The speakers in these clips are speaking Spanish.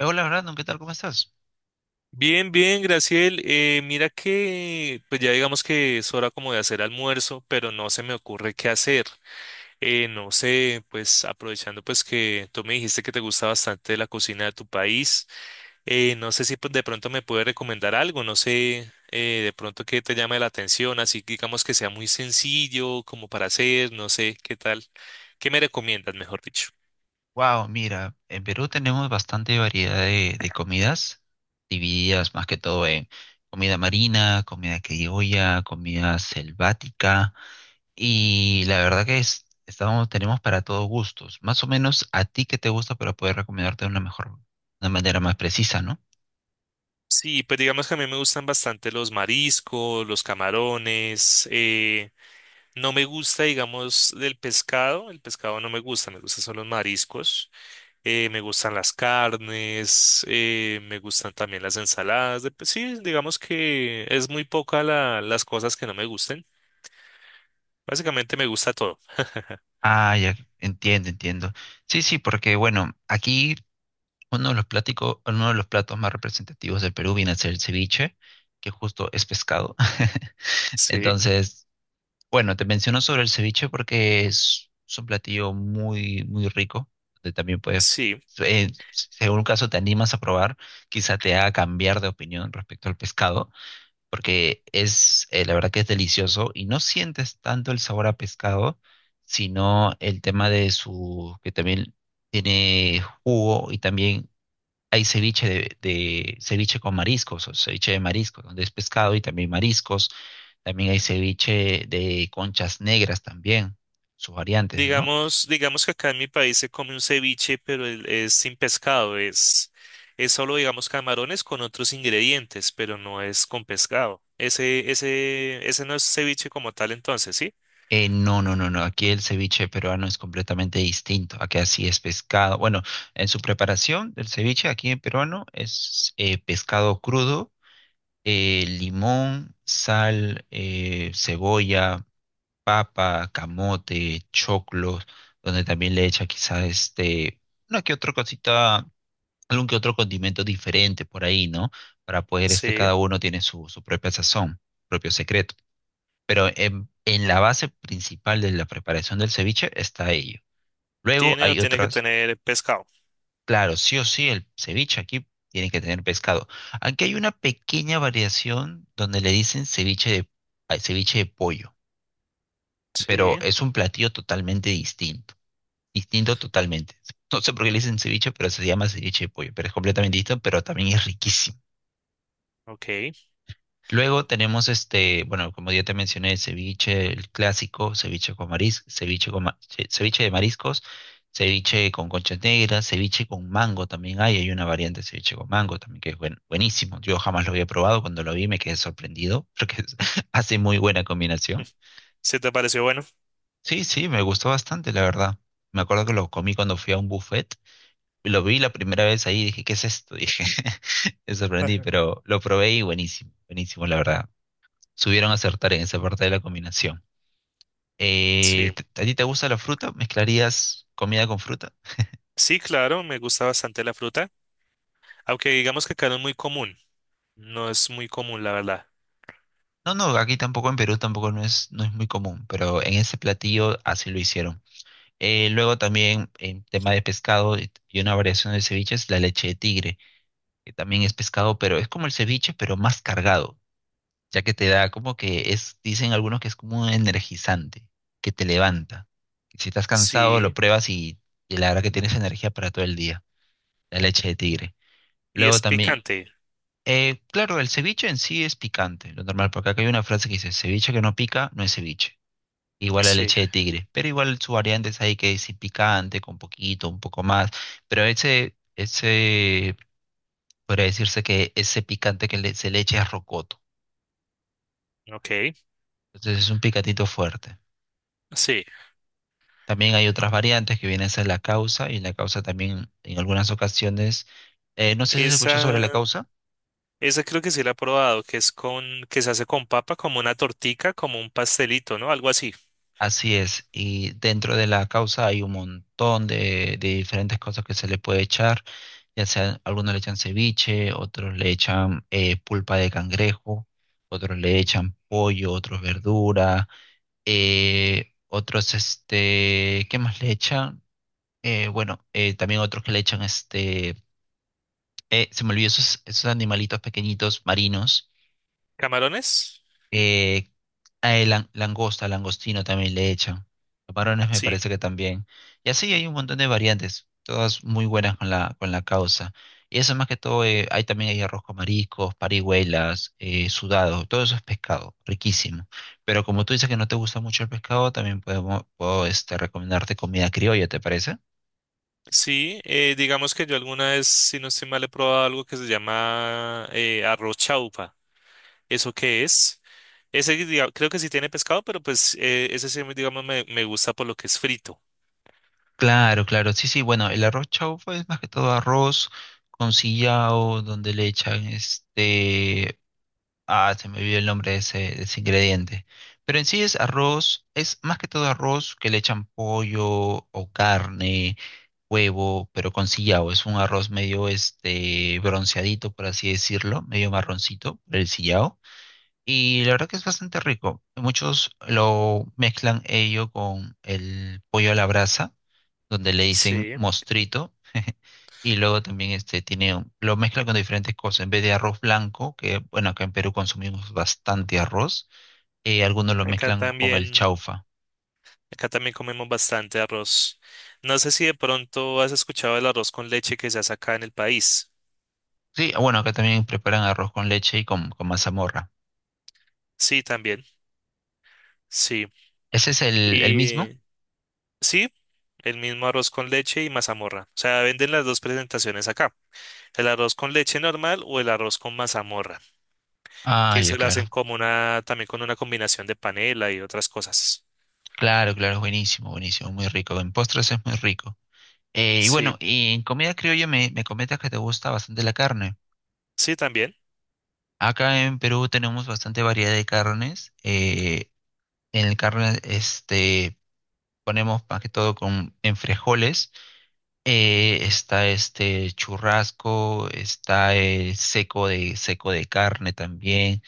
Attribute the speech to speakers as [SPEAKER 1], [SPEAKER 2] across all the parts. [SPEAKER 1] Hola, Brandon, ¿qué tal? ¿Cómo estás?
[SPEAKER 2] Bien, bien, Graciel. Mira que, pues ya digamos que es hora como de hacer almuerzo, pero no se me ocurre qué hacer. No sé, pues aprovechando pues que tú me dijiste que te gusta bastante la cocina de tu país, no sé si pues, de pronto me puedes recomendar algo, no sé, de pronto que te llame la atención, así que digamos que sea muy sencillo como para hacer, no sé, qué tal, qué me recomiendas, mejor dicho.
[SPEAKER 1] Wow, mira, en Perú tenemos bastante variedad de comidas, divididas más que todo en comida marina, comida criolla, comida selvática, y la verdad que es, estamos, tenemos para todos gustos. Más o menos a ti que te gusta para poder recomendarte de una mejor, una manera más precisa, ¿no?
[SPEAKER 2] Sí, pues digamos que a mí me gustan bastante los mariscos, los camarones. No me gusta, digamos, del pescado. El pescado no me gusta, me gustan son los mariscos. Me gustan las carnes, me gustan también las ensaladas. Pues sí, digamos que es muy poca las cosas que no me gusten. Básicamente me gusta todo.
[SPEAKER 1] Ah, ya, entiendo, entiendo. Sí, sí, porque bueno, aquí uno de los pláticos, uno de los platos más representativos del Perú viene a ser el ceviche, que justo es pescado.
[SPEAKER 2] Sí,
[SPEAKER 1] Entonces, bueno, te menciono sobre el ceviche porque es un platillo muy, muy rico, donde también puedes,
[SPEAKER 2] sí.
[SPEAKER 1] según un caso te animas a probar, quizá te haga cambiar de opinión respecto al pescado, porque es, la verdad que es delicioso y no sientes tanto el sabor a pescado, sino el tema de su, que también tiene jugo y también hay ceviche ceviche con mariscos, o ceviche de mariscos, donde es pescado y también mariscos. También hay ceviche de conchas negras también, sus variantes, ¿no?
[SPEAKER 2] Digamos, digamos que acá en mi país se come un ceviche, pero es sin pescado. Es solo, digamos, camarones con otros ingredientes, pero no es con pescado. Ese no es ceviche como tal, entonces, ¿sí?
[SPEAKER 1] No. Aquí el ceviche peruano es completamente distinto. Aquí así es pescado. Bueno, en su preparación del ceviche aquí en peruano es pescado crudo, limón, sal, cebolla papa, camote, choclos, donde también le echa quizás este, una que otra cosita, algún que otro condimento diferente por ahí, ¿no? Para poder este,
[SPEAKER 2] Sí,
[SPEAKER 1] cada uno tiene su, su propia sazón, propio secreto. Pero en la base principal de la preparación del ceviche está ello. Luego
[SPEAKER 2] tiene o
[SPEAKER 1] hay
[SPEAKER 2] tiene que
[SPEAKER 1] otras,
[SPEAKER 2] tener pescado.
[SPEAKER 1] claro, sí o sí, el ceviche aquí tiene que tener pescado. Aquí hay una pequeña variación donde le dicen ceviche de, ay, ceviche de pollo, pero
[SPEAKER 2] Sí,
[SPEAKER 1] es un platillo totalmente distinto. Distinto totalmente. No sé por qué le dicen ceviche, pero se llama ceviche de pollo, pero es completamente distinto, pero también es riquísimo.
[SPEAKER 2] ok.
[SPEAKER 1] Luego tenemos este, bueno, como ya te mencioné, el ceviche, el clásico, ceviche con marisco, ceviche de mariscos, ceviche con conchas negras, ceviche con mango también hay una variante de ceviche con mango también que es buenísimo. Yo jamás lo había probado, cuando lo vi me quedé sorprendido porque hace muy buena
[SPEAKER 2] Mm,
[SPEAKER 1] combinación.
[SPEAKER 2] ¿se te pareció bueno?
[SPEAKER 1] Sí, sí, me gustó bastante, la verdad. Me acuerdo que lo comí cuando fui a un buffet. Lo vi la primera vez ahí y dije, ¿qué es esto? Dije, me sorprendí, pero lo probé y buenísimo, buenísimo, la verdad. Subieron a acertar en esa parte de la combinación.
[SPEAKER 2] Sí.
[SPEAKER 1] A ti te gusta la fruta? ¿Mezclarías comida con fruta?
[SPEAKER 2] Sí, claro, me gusta bastante la fruta, aunque digamos que acá no es muy común. No es muy común, la verdad.
[SPEAKER 1] No, no, aquí tampoco, en Perú tampoco no es, no es muy común, pero en ese platillo así lo hicieron. Luego también en tema de pescado y una variación de ceviche es la leche de tigre, que también es pescado, pero es como el ceviche, pero más cargado. Ya que te da como que es, dicen algunos que es como un energizante, que te levanta. Si estás cansado, lo
[SPEAKER 2] Sí,
[SPEAKER 1] pruebas y la verdad que tienes energía para todo el día, la leche de tigre.
[SPEAKER 2] y es
[SPEAKER 1] Luego también,
[SPEAKER 2] picante.
[SPEAKER 1] claro, el ceviche en sí es picante, lo normal, porque acá hay una frase que dice, ceviche que no pica no es ceviche. Igual la
[SPEAKER 2] Sí,
[SPEAKER 1] leche de tigre, pero igual su variante es ahí que es picante, con poquito, un poco más, pero ese, podría decirse que ese picante que se le echa es rocoto,
[SPEAKER 2] ok.
[SPEAKER 1] entonces es un picatito fuerte.
[SPEAKER 2] Sí,
[SPEAKER 1] También hay otras variantes que vienen a ser la causa y la causa también en algunas ocasiones, no sé si se escuchó sobre
[SPEAKER 2] esa,
[SPEAKER 1] la causa,
[SPEAKER 2] esa creo que sí la he probado, que es con, que se hace con papa, como una tortica, como un pastelito, ¿no? Algo así.
[SPEAKER 1] así es, y dentro de la causa hay un montón de diferentes cosas que se le puede echar, ya sea algunos le echan ceviche, otros le echan pulpa de cangrejo, otros le echan pollo, otros verdura, otros este, ¿qué más le echan? Bueno, también otros que le echan este. Se me olvidó esos, esos animalitos pequeñitos marinos.
[SPEAKER 2] ¿Camarones?
[SPEAKER 1] Eh, langosta, langostino también le echan. Los varones me
[SPEAKER 2] Sí.
[SPEAKER 1] parece que también. Y así hay un montón de variantes, todas muy buenas con la causa. Y eso más que todo, hay también hay arroz con mariscos, parihuelas, sudado, todo eso es pescado, riquísimo. Pero como tú dices que no te gusta mucho el pescado, también podemos, puedo este, recomendarte comida criolla, ¿te parece?
[SPEAKER 2] Sí, digamos que yo alguna vez, si no estoy mal, he probado algo que se llama arroz chaupa. ¿Eso qué es? Creo que sí tiene pescado, pero pues ese sí, digamos, me gusta por lo que es frito.
[SPEAKER 1] Claro, claro, sí, sí, bueno, el arroz chaufa es más que todo arroz con sillao, donde le echan este, ah, se me olvidó el nombre de ese ingrediente, pero en sí es arroz, es más que todo arroz que le echan pollo o carne, huevo, pero con sillao, es un arroz medio este bronceadito, por así decirlo, medio marroncito, el sillao, y la verdad que es bastante rico, muchos lo mezclan ello con el pollo a la brasa donde le dicen
[SPEAKER 2] Sí,
[SPEAKER 1] mostrito, y luego también este tiene, lo mezcla con diferentes cosas, en vez de arroz blanco, que bueno, acá en Perú consumimos bastante arroz, algunos lo
[SPEAKER 2] acá
[SPEAKER 1] mezclan con el
[SPEAKER 2] también.
[SPEAKER 1] chaufa.
[SPEAKER 2] Acá también comemos bastante arroz. No sé si de pronto has escuchado el arroz con leche que se hace acá en el país.
[SPEAKER 1] Sí, bueno, acá también preparan arroz con leche y con mazamorra.
[SPEAKER 2] Sí, también. Sí.
[SPEAKER 1] ¿Ese es el mismo?
[SPEAKER 2] Y sí, el mismo arroz con leche y mazamorra. O sea, venden las dos presentaciones acá. El arroz con leche normal o el arroz con mazamorra.
[SPEAKER 1] Ah,
[SPEAKER 2] Que
[SPEAKER 1] ya,
[SPEAKER 2] eso lo
[SPEAKER 1] claro.
[SPEAKER 2] hacen como una, también con una combinación de panela y otras cosas.
[SPEAKER 1] Claro, claro, es buenísimo, buenísimo, muy rico. En postres es muy rico. Y bueno,
[SPEAKER 2] Sí,
[SPEAKER 1] y en comida criolla me, me comentas que te gusta bastante la carne.
[SPEAKER 2] sí, también.
[SPEAKER 1] Acá en Perú tenemos bastante variedad de carnes. En el carro, este, ponemos más que todo con, en frijoles. Está este churrasco, está el seco de carne también.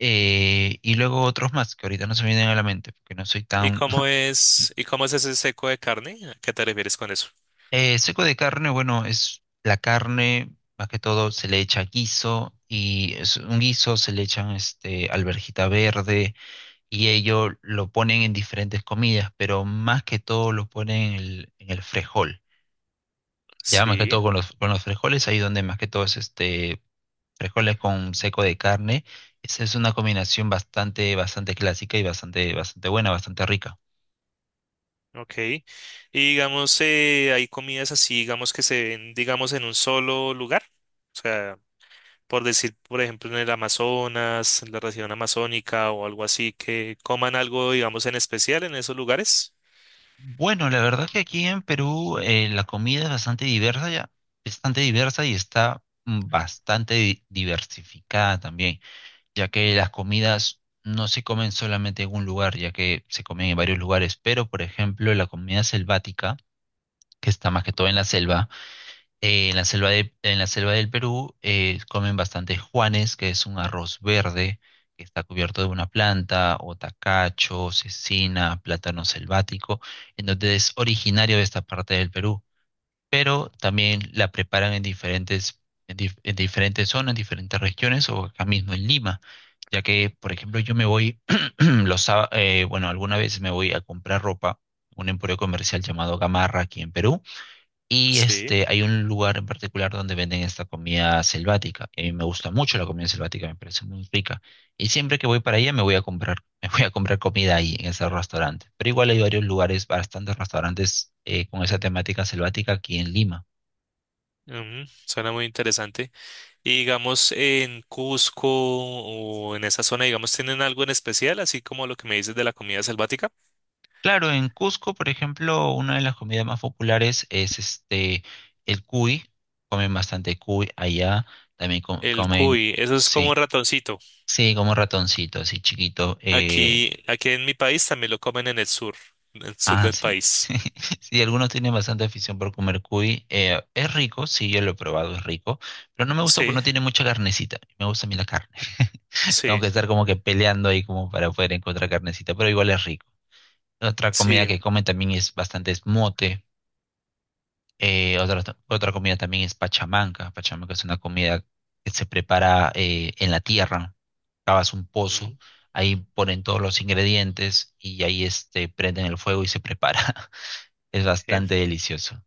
[SPEAKER 1] Y luego otros más que ahorita no se me vienen a la mente porque no soy tan...
[SPEAKER 2] Y cómo es ese seco de carne? ¿A qué te refieres con eso?
[SPEAKER 1] Seco de carne, bueno, es la carne, más que todo se le echa guiso y es un guiso se le echan este, alverjita verde y ello lo ponen en diferentes comidas, pero más que todo lo ponen en el frejol. Ya más que
[SPEAKER 2] Sí.
[SPEAKER 1] todo con los frijoles, ahí donde más que todo es este frijoles con seco de carne. Esa es una combinación bastante, bastante clásica y bastante, bastante buena, bastante rica.
[SPEAKER 2] Ok. Y digamos, hay comidas así, digamos, que se ven, digamos, en un solo lugar. O sea, por decir, por ejemplo, en el Amazonas, en la región amazónica o algo así, que coman algo, digamos, en especial en esos lugares.
[SPEAKER 1] Bueno, la verdad que aquí en Perú la comida es bastante diversa ya, bastante diversa y está bastante diversificada también, ya que las comidas no se comen solamente en un lugar, ya que se comen en varios lugares, pero por ejemplo la comida selvática, que está más que todo en la selva. En la selva en la selva del Perú comen bastante juanes, que es un arroz verde que está cubierto de una planta, o tacacho, cecina, plátano selvático, en donde es originario de esta parte del Perú. Pero también la preparan en diferentes, en en diferentes zonas, en diferentes regiones, o acá mismo en Lima, ya que, por ejemplo, yo me voy, los, bueno, alguna vez me voy a comprar ropa, un emporio comercial llamado Gamarra aquí en Perú y
[SPEAKER 2] Sí.
[SPEAKER 1] este, hay un lugar en particular donde venden esta comida selvática. Y a mí me gusta mucho la comida selvática, me parece muy rica. Y siempre que voy para allá me voy a comprar, me voy a comprar comida ahí en ese restaurante. Pero igual hay varios lugares, bastantes restaurantes con esa temática selvática aquí en Lima.
[SPEAKER 2] Ujú, suena muy interesante. Y digamos, en Cusco o en esa zona, digamos, ¿tienen algo en especial, así como lo que me dices de la comida selvática?
[SPEAKER 1] Claro, en Cusco, por ejemplo, una de las comidas más populares es este el cuy. Comen bastante cuy allá. También
[SPEAKER 2] El
[SPEAKER 1] comen,
[SPEAKER 2] cuy, eso es como un
[SPEAKER 1] sí,
[SPEAKER 2] ratoncito.
[SPEAKER 1] sí, como ratoncito, así chiquito.
[SPEAKER 2] Aquí, aquí en mi país también lo comen en el sur
[SPEAKER 1] Ah,
[SPEAKER 2] del
[SPEAKER 1] sí.
[SPEAKER 2] país.
[SPEAKER 1] Sí, sí, algunos tienen bastante afición por comer cuy. Es rico, sí, yo lo he probado, es rico, pero no me gusta porque
[SPEAKER 2] Sí,
[SPEAKER 1] no tiene mucha carnecita. Me gusta a mí la carne. Tengo
[SPEAKER 2] sí,
[SPEAKER 1] que estar como que peleando ahí como para poder encontrar carnecita, pero igual es rico. Otra comida
[SPEAKER 2] sí.
[SPEAKER 1] que comen también es bastante es mote. Eh, otra, otra comida también es pachamanca. Pachamanca es una comida que se prepara en la tierra. Cavas un pozo,
[SPEAKER 2] Mm,
[SPEAKER 1] ahí ponen todos los ingredientes y ahí este, prenden el fuego y se prepara. Es
[SPEAKER 2] eh,
[SPEAKER 1] bastante delicioso.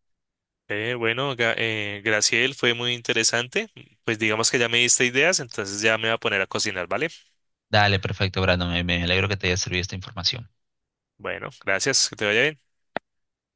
[SPEAKER 2] bueno, Graciel, fue muy interesante. Pues digamos que ya me diste ideas, entonces ya me voy a poner a cocinar, ¿vale?
[SPEAKER 1] Dale, perfecto, Brandon. Me alegro que te haya servido esta información.
[SPEAKER 2] Bueno, gracias, que te vaya bien.